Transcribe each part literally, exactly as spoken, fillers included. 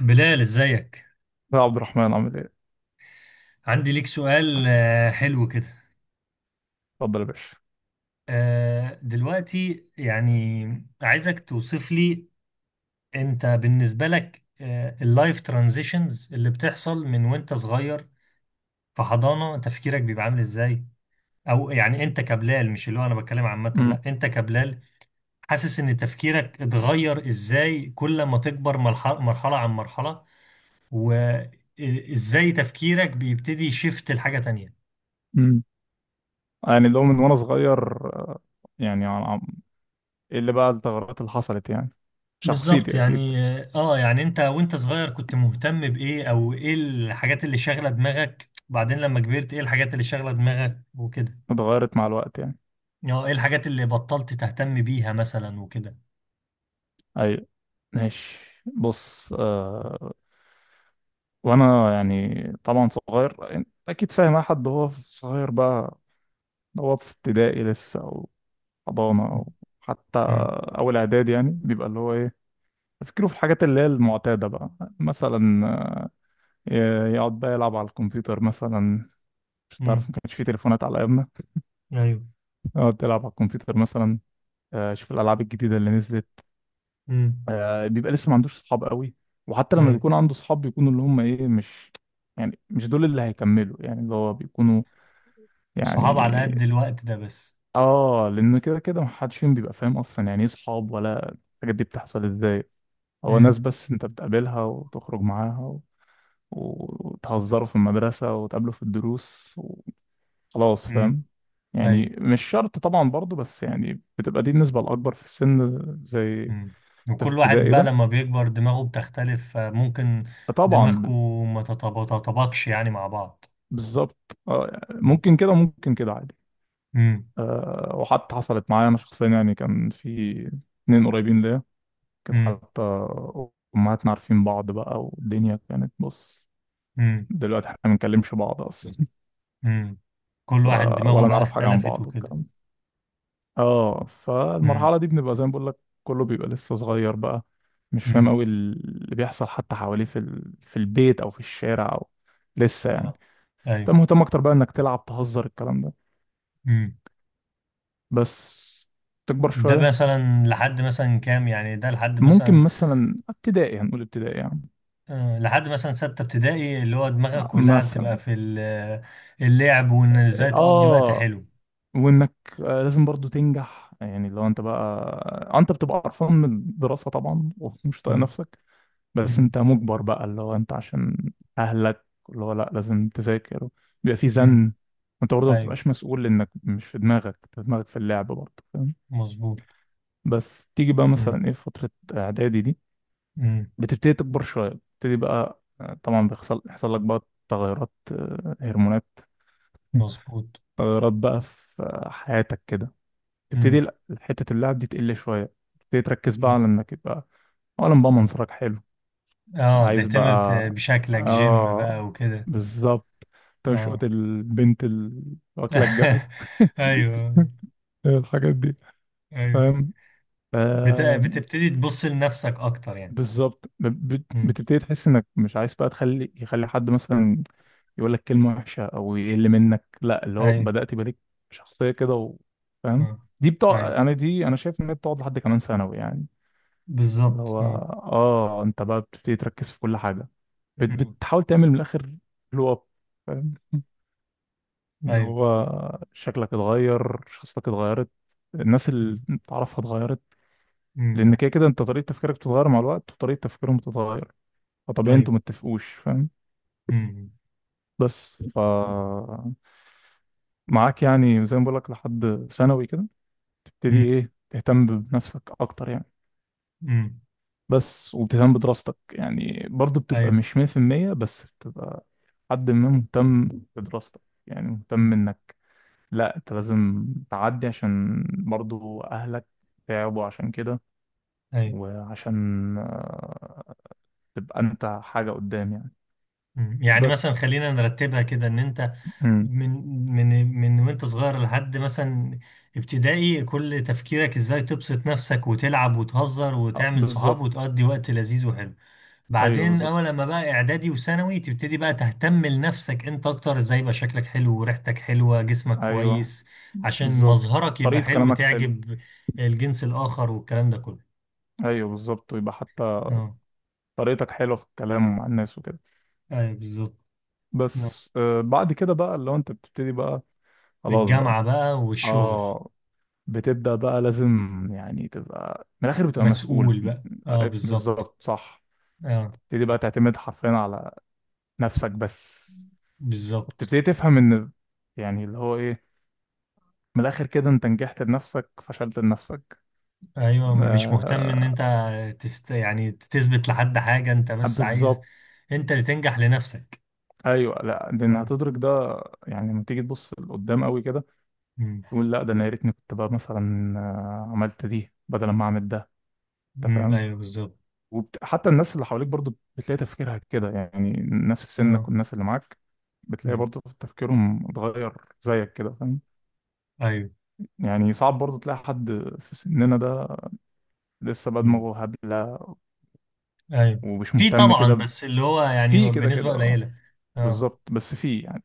بلال ازيك؟ يا عبد الرحمن عامل ايه؟ عندي ليك سؤال. آه، حلو كده. اتفضل يا باشا. آه، دلوقتي يعني عايزك توصف لي، انت بالنسبة لك اللايف ترانزيشنز اللي بتحصل من وانت صغير في حضانة تفكيرك بيبقى عامل ازاي، او يعني انت كبلال، مش اللي هو انا بتكلم عامة، لا امم انت كبلال، حاسس ان تفكيرك اتغير ازاي كل ما تكبر، مرحلة مرحلة عن مرحلة، وازاي تفكيرك بيبتدي يشفت لحاجة تانية. امم يعني لو من وانا صغير، آه، يعني عن- عن- ايه اللي بقى التغيرات اللي حصلت يعني بالظبط شخصيتي اكيد يعني. اه يعني انت وانت صغير كنت مهتم بايه، او ايه الحاجات اللي شاغله دماغك، بعدين لما كبرت ايه الحاجات اللي شاغله دماغك وكده. اتغيرت مع الوقت يعني. اه، ايه الحاجات اللي بطلت تهتم بيها مثلا وكده. اي، ماشي، بص. آه وانا يعني طبعا صغير، أنت اكيد فاهم اي حد هو في- صغير بقى، هو في ابتدائي لسه او حضانه او حتى امم. اول اعداد يعني، بيبقى اللي هو ايه، تفكيره في الحاجات اللي هي المعتاده بقى، مثلا آه، يقعد بقى يلعب على الكمبيوتر مثلا، مش تعرف ما امم. كانش في تليفونات على ايامنا. ايوه. اقعد تلعب على الكمبيوتر مثلا، آه، شوف الالعاب الجديده اللي نزلت. امم. آه، بيبقى لسه ما عندوش صحاب قوي، وحتى لما ايوه. بيكون عنده صحاب بيكونوا اللي هم ايه مش، يعني مش دول اللي هيكملوا يعني اللي هو بيكونوا الصحاب على يعني. قد الوقت ده بس. اه لان كده كده ما حدش فيهم بيبقى فاهم اصلا يعني ايه صحاب ولا الحاجات دي بتحصل ازاي، هو ناس امم. بس انت بتقابلها وتخرج معاها و... وتهزروا في المدرسة وتقابلوا في الدروس، خلاص امم. فاهم. ايوه. يعني مش شرط طبعا برضو، بس يعني بتبقى دي النسبة الأكبر في السن، زي امم. انت في وكل واحد ابتدائي بقى ده لما بيكبر دماغه بتختلف، ممكن دماغكم طبعا. ما تتطابقش يعني مع بعض. بالظبط، آه، ممكن كده وممكن كده عادي. امم. آه، وحتى حصلت معايا أنا شخصيا، يعني كان في اتنين قريبين ليا، كانت امم. حتى أمهاتنا عارفين بعض بقى، والدنيا كانت بص، دلوقتي احنا ما بنكلمش بعض أصلا. امم. كل ف- واحد دماغه ولا بقى نعرف حاجة عن اختلفت بعض وكده. والكلام ده. اه، امم. فالمرحلة دي بنبقى زي ما بقول لك، كله بيبقى لسه صغير بقى، مش فاهم امم. قوي اللي بيحصل حتى حواليه في ال... في البيت او في الشارع، او لسه يعني. تمام. انت ايوه. مهتم اكتر بقى انك تلعب تهزر الكلام ده امم. بس. تكبر ده شوية، مثلا لحد مثلا كام؟ يعني ده لحد ممكن مثلا مثلا ابتدائي هنقول ابتدائي يعني، آه، لحد مثلا ستة ابتدائي، اللي هو دماغك كلها بتبقى مثلا. في ال- اللعب، وان ازاي تقضي وقت اه، حلو. وانك آه، لازم برضو تنجح يعني، لو انت بقى آه، انت بتبقى قرفان من الدراسة طبعا ومش طايق امم. نفسك، بس امم. انت مجبر بقى اللي هو انت عشان اهلك اللي هو لا لازم تذاكر، بيبقى في امم. زن. وانت برضه ما ايوه. بتبقاش مسؤول، انك مش في دماغك، انت دماغك في اللعب برضه، فاهم. مظبوط. بس تيجي بقى امم. مثلا ايه في فترة اعدادي دي، امم. بتبتدي تكبر شوية، بتبتدي بقى آه، طبعا بيحصل يحصل لك بقى تغيرات، آه، هرمونات. مظبوط. تغيرات بقى في آه، حياتك كده، تبتدي امم. ال- حتة اللعب دي تقل شوية، تبتدي تركز بقى على امم. انك يبقى اولا بقى منظرك حلو، اه عايز تهتم بت- بقى. بشكلك، جيم بقى اه، وكده. بالظبط، اه. تشقط البنت اللي واكله الجو. ايوه. الحاجات دي، ايوه. فاهم. بت... آم، بتبتدي تبص لنفسك اكتر يعني. بالظبط، ب- بت- امم. بتبتدي تحس انك مش عايز بقى تخلي يخلي حد مثلا يقول لك كلمه وحشه او يقل منك، لا اللي هو ايوه. بدات يبقى ليك شخصيه كده. و- فاهم. اه. دي بتقعد، ايوه انا دي انا شايف ان هي بتقعد لحد كمان ثانوي يعني، اللي بالظبط. هو اه. اه انت بقى بتبتدي تركز في كل حاجة، بت- امم. بتحاول تعمل من الآخر بلو اب، فاهم، اللي ايوه. هو شكلك اتغير، شخصيتك اتغيرت، الناس اللي امم. انت تعرفها اتغيرت. أمم. لأن كده كده انت طريقة تفكيرك بتتغير مع الوقت وطريقة تفكيرهم بتتغير، فطبيعي ايوه. انتوا متفقوش، فاهم. امم. بس ف معاك يعني زي ما بقولك، لحد ثانوي كده تبتدي أمم. ايه، تهتم بنفسك أكتر يعني، أمم. بس وبتهتم بدراستك يعني برضه، بتبقى ايوه. مش مية في المية بس بتبقى حد ما مهتم بدراستك، يعني أمم. مهتم انك لا انت لازم تعدي عشان برضه اهلك تعبوا عشان كده، ايوه. وعشان آه، تبقى انت حاجة قدام يعني، أمم. يعني مثلا بس. خلينا نرتبها كده، ان انت مم. من من من وانت صغير لحد مثلا ابتدائي كل تفكيرك ازاي تبسط نفسك وتلعب وتهزر آه، وتعمل صحاب بالظبط. وتقضي وقت لذيذ وحلو. ايوه بعدين اول بالظبط. لما بقى اعدادي وثانوي تبتدي بقى تهتم لنفسك انت اكتر، ازاي يبقى شكلك حلو وريحتك حلوة جسمك ايوه كويس عشان بالظبط، مظهرك يبقى طريقة حلو، كلامك حلو. تعجب الجنس الاخر والكلام ده كله. ايوه بالظبط، ويبقى حتى اه. طريقتك حلوة في الكلام مع الناس وكده. ايوه بالظبط. آه. بس آه، بعد كده بقى اللي هو انت بتبتدي بقى، خلاص بقى. الجامعة بقى والشغل. اه، بتبدأ بقى لازم يعني تبقى من الآخر بتبقى مسؤول. مسؤول بقى اه آه، بالظبط. بالظبط صح. اه تبتدي بقى تعتمد حرفيا على نفسك بس، بالظبط. وبتبتدي تفهم إن يعني اللي هو إيه، من الآخر كده أنت نجحت لنفسك فشلت لنفسك. ايوه، مش مهتم ان آه، انت تست... يعني تثبت لحد حاجة، انت بس عايز بالظبط. انت اللي تنجح لنفسك. أيوه، لا لأن اه. هتدرك ده، يعني لما تيجي تبص لقدام قوي كده امم. تقول لا ده أنا يا ريتني كنت بقى مثلا آه، عملت دي بدل ما أعمل ده، أنت أمم، فاهم. ايوه بالظبط. وبت... حتى الناس اللي حواليك برضو بتلاقي تفكيرها كده يعني، نفس سنك اه. والناس اللي معاك بتلاقي أمم. برضو تفكيرهم اتغير زيك كده، فاهم. ايوه. يعني صعب برضو تلاقي حد في سننا ده لسه بقى مم. دماغه هبلة ايوه. ومش في مهتم طبعا، كده ب- بس اللي هو في يعني كده بنسبة كده. آه، قليلة. اه. بالظبط، بس في يعني،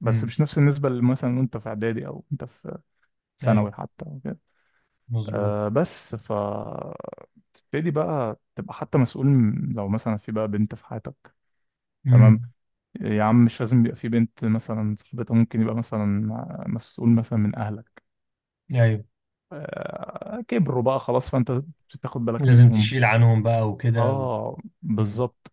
بس امم. مش نفس النسبة اللي مثلا وانت في اعدادي او انت في ايوه. ثانوي حتى وكده. مظبوط. أه بس ف تبتدي بقى تبقى حتى مسؤول، م- لو مثلا في بقى بنت في حياتك، تمام، امم. يا عم مش لازم يبقى في بنت، مثلا صاحبتها ممكن يبقى مثلا مسؤول مثلا من اهلك ايوه. آه، كبروا بقى خلاص، فانت تاخد بالك لازم منهم. تشيل عنهم بقى وكده و... اه مم. بالظبط،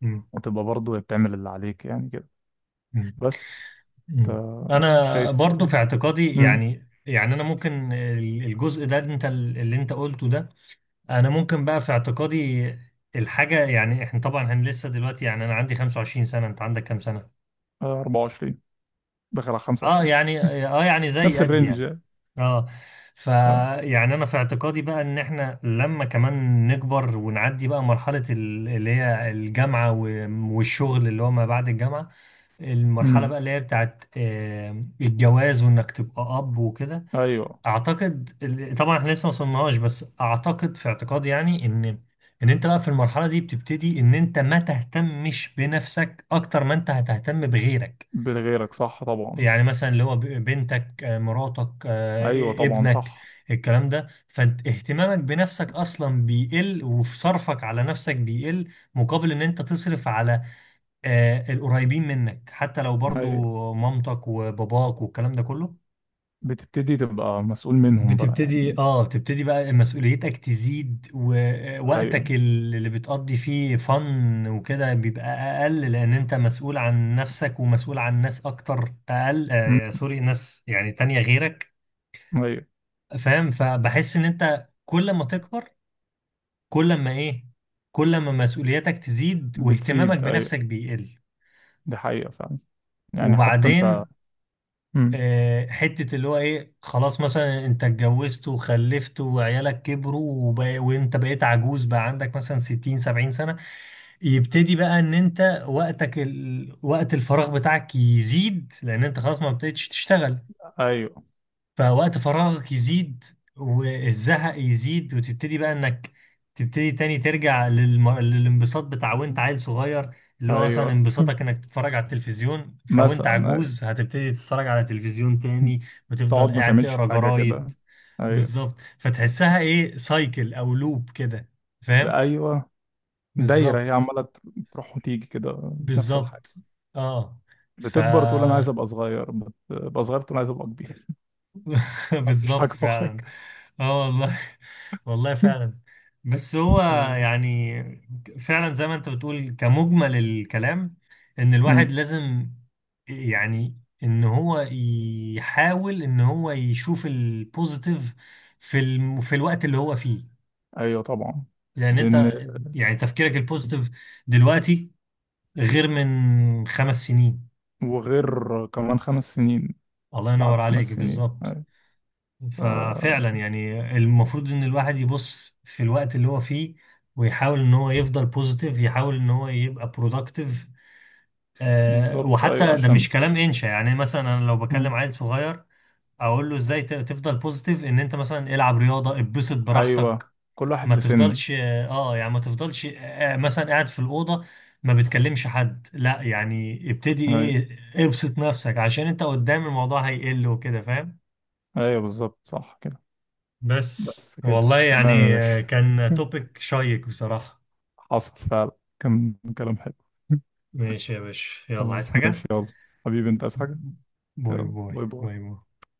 مم. وتبقى برضه بتعمل اللي عليك يعني كده، مم. بس مم. انت انا شايف. برضو في اعتقادي امم يعني، يعني انا ممكن ال- الجزء ده انت ال- اللي انت قلته ده، انا ممكن بقى في اعتقادي الحاجة، يعني احنا طبعا هن لسه دلوقتي، يعني انا عندي 25 سنة، انت عندك كام سنة؟ اربعة وعشرين، داخل على اه خمسة وعشرون. يعني، اه يعني زي نفس قد الرينج يعني. يعني. اه. ف اه. يعني انا في اعتقادي بقى ان احنا لما كمان نكبر ونعدي بقى مرحلة ال- اللي هي الجامعة و- والشغل اللي هو ما بعد الجامعة، المرحلة امم. بقى اللي هي بتاعت آه، الجواز وانك تبقى اب وكده. ايوه. اعتقد ال- طبعا احنا لسه ما وصلناش، بس اعتقد في اعتقادي يعني ان ان انت بقى في المرحلة دي بتبتدي ان انت ما تهتمش بنفسك اكتر ما انت هتهتم بغيرك، بغيرك صح طبعا. يعني مثلا اللي هو ب- بنتك، آه، مراتك، آه، ايوه إ- طبعا ابنك، صح. الكلام ده، فاهتمامك بنفسك اصلا بيقل، وفي صرفك على نفسك بيقل مقابل ان انت تصرف على آه، القريبين منك، حتى لو برضو ايوه، مامتك وباباك والكلام ده كله. بتبتدي تبقى مسؤول منهم بقى بتبتدي يعني. اه بتبتدي بقى مسؤوليتك تزيد، ايوه. ووقتك اللي بتقضي فيه فن وكده بيبقى اقل، لان انت مسؤول عن نفسك ومسؤول عن ناس اكتر اقل. امم. آه سوري، ناس يعني تانية غيرك. ايوه. فاهم. فبحس ان انت كل ما تكبر، كل ما ايه كل ما مسؤولياتك تزيد واهتمامك بتزيد، ايوه، بنفسك بيقل. دي حقيقة فعلا، يعني حتى انت. وبعدين مم. آه، حتة اللي هو ايه، خلاص مثلا انت اتجوزت وخلفت وعيالك كبروا وبقى وانت بقيت عجوز بقى، عندك مثلا ستين سبعين سنة، يبتدي بقى ان انت وقتك ال... وقت الفراغ بتاعك يزيد، لان انت خلاص ما بقتش تشتغل، ايوه. فوقت فراغك يزيد والزهق يزيد، وتبتدي بقى انك تبتدي تاني ترجع للم... للانبساط بتاع وانت عيل صغير، اللي هو مثلا ايوه. انبساطك انك تتفرج على التلفزيون، فوانت مثلا، أيوة. عجوز هتبتدي تتفرج على تلفزيون تاني تقعد وتفضل ما قاعد تعملش تقرا حاجة جرايد. كده. ايوه. بالظبط، فتحسها ايه سايكل او لوب كده. فاهم. ايوه، دايرة بالظبط. هي عمالة تروح وتيجي كده نفس الحاجة. بالظبط اه. ف. بتكبر تقول انا عايز ابقى صغير، بتبقى صغير تقول عايز ابقى كبير. مش بالظبط حاجة في فعلا. حاجة. اه والله. والله فعلا. بس هو آه. يعني فعلا زي ما انت بتقول كمجمل الكلام، ان الواحد مم. لازم، يعني ان هو يحاول ان هو يشوف البوزيتيف في الم... في الوقت اللي هو فيه، ايوه طبعا. لان لان انت يعني تفكيرك البوزيتيف دلوقتي غير من خمس سنين. وغير كمان خمس سنين، الله بعد ينور عليك، خمس سنين، بالظبط. ايوه. ف- ففعلا يعني المفروض ان الواحد يبص في الوقت اللي هو فيه، ويحاول ان هو يفضل بوزيتيف، يحاول ان هو يبقى برودكتيف. أه، بالظبط ايوه وحتى ده عشان. مش كلام انشا، يعني مثلا انا لو بكلم مم. عيل صغير اقول له ازاي ت- تفضل بوزيتيف، ان انت مثلا العب رياضة، اتبسط ايوه، براحتك، كل واحد ما لسنه. تفضلش اه آه، يعني ما تفضلش آه آه، مثلا قاعد في الأوضة ما بتكلمش حد، لا يعني ابتدي ايوه. ايه، ابسط نفسك عشان انت قدام الموضوع هيقل وكده. فاهم. ايوه بالظبط صح كده. بس بس كده والله تمام يا يعني باشا. آه، كان توبيك شيق بصراحة. حصل فعلا، كان كلام حلو. ماشي يا باشا، يلا عايز خلاص حاجة؟ ماشي، يلا حبيبي، انت عايز حاجة؟ باي يلا باي باي باي باي. باي.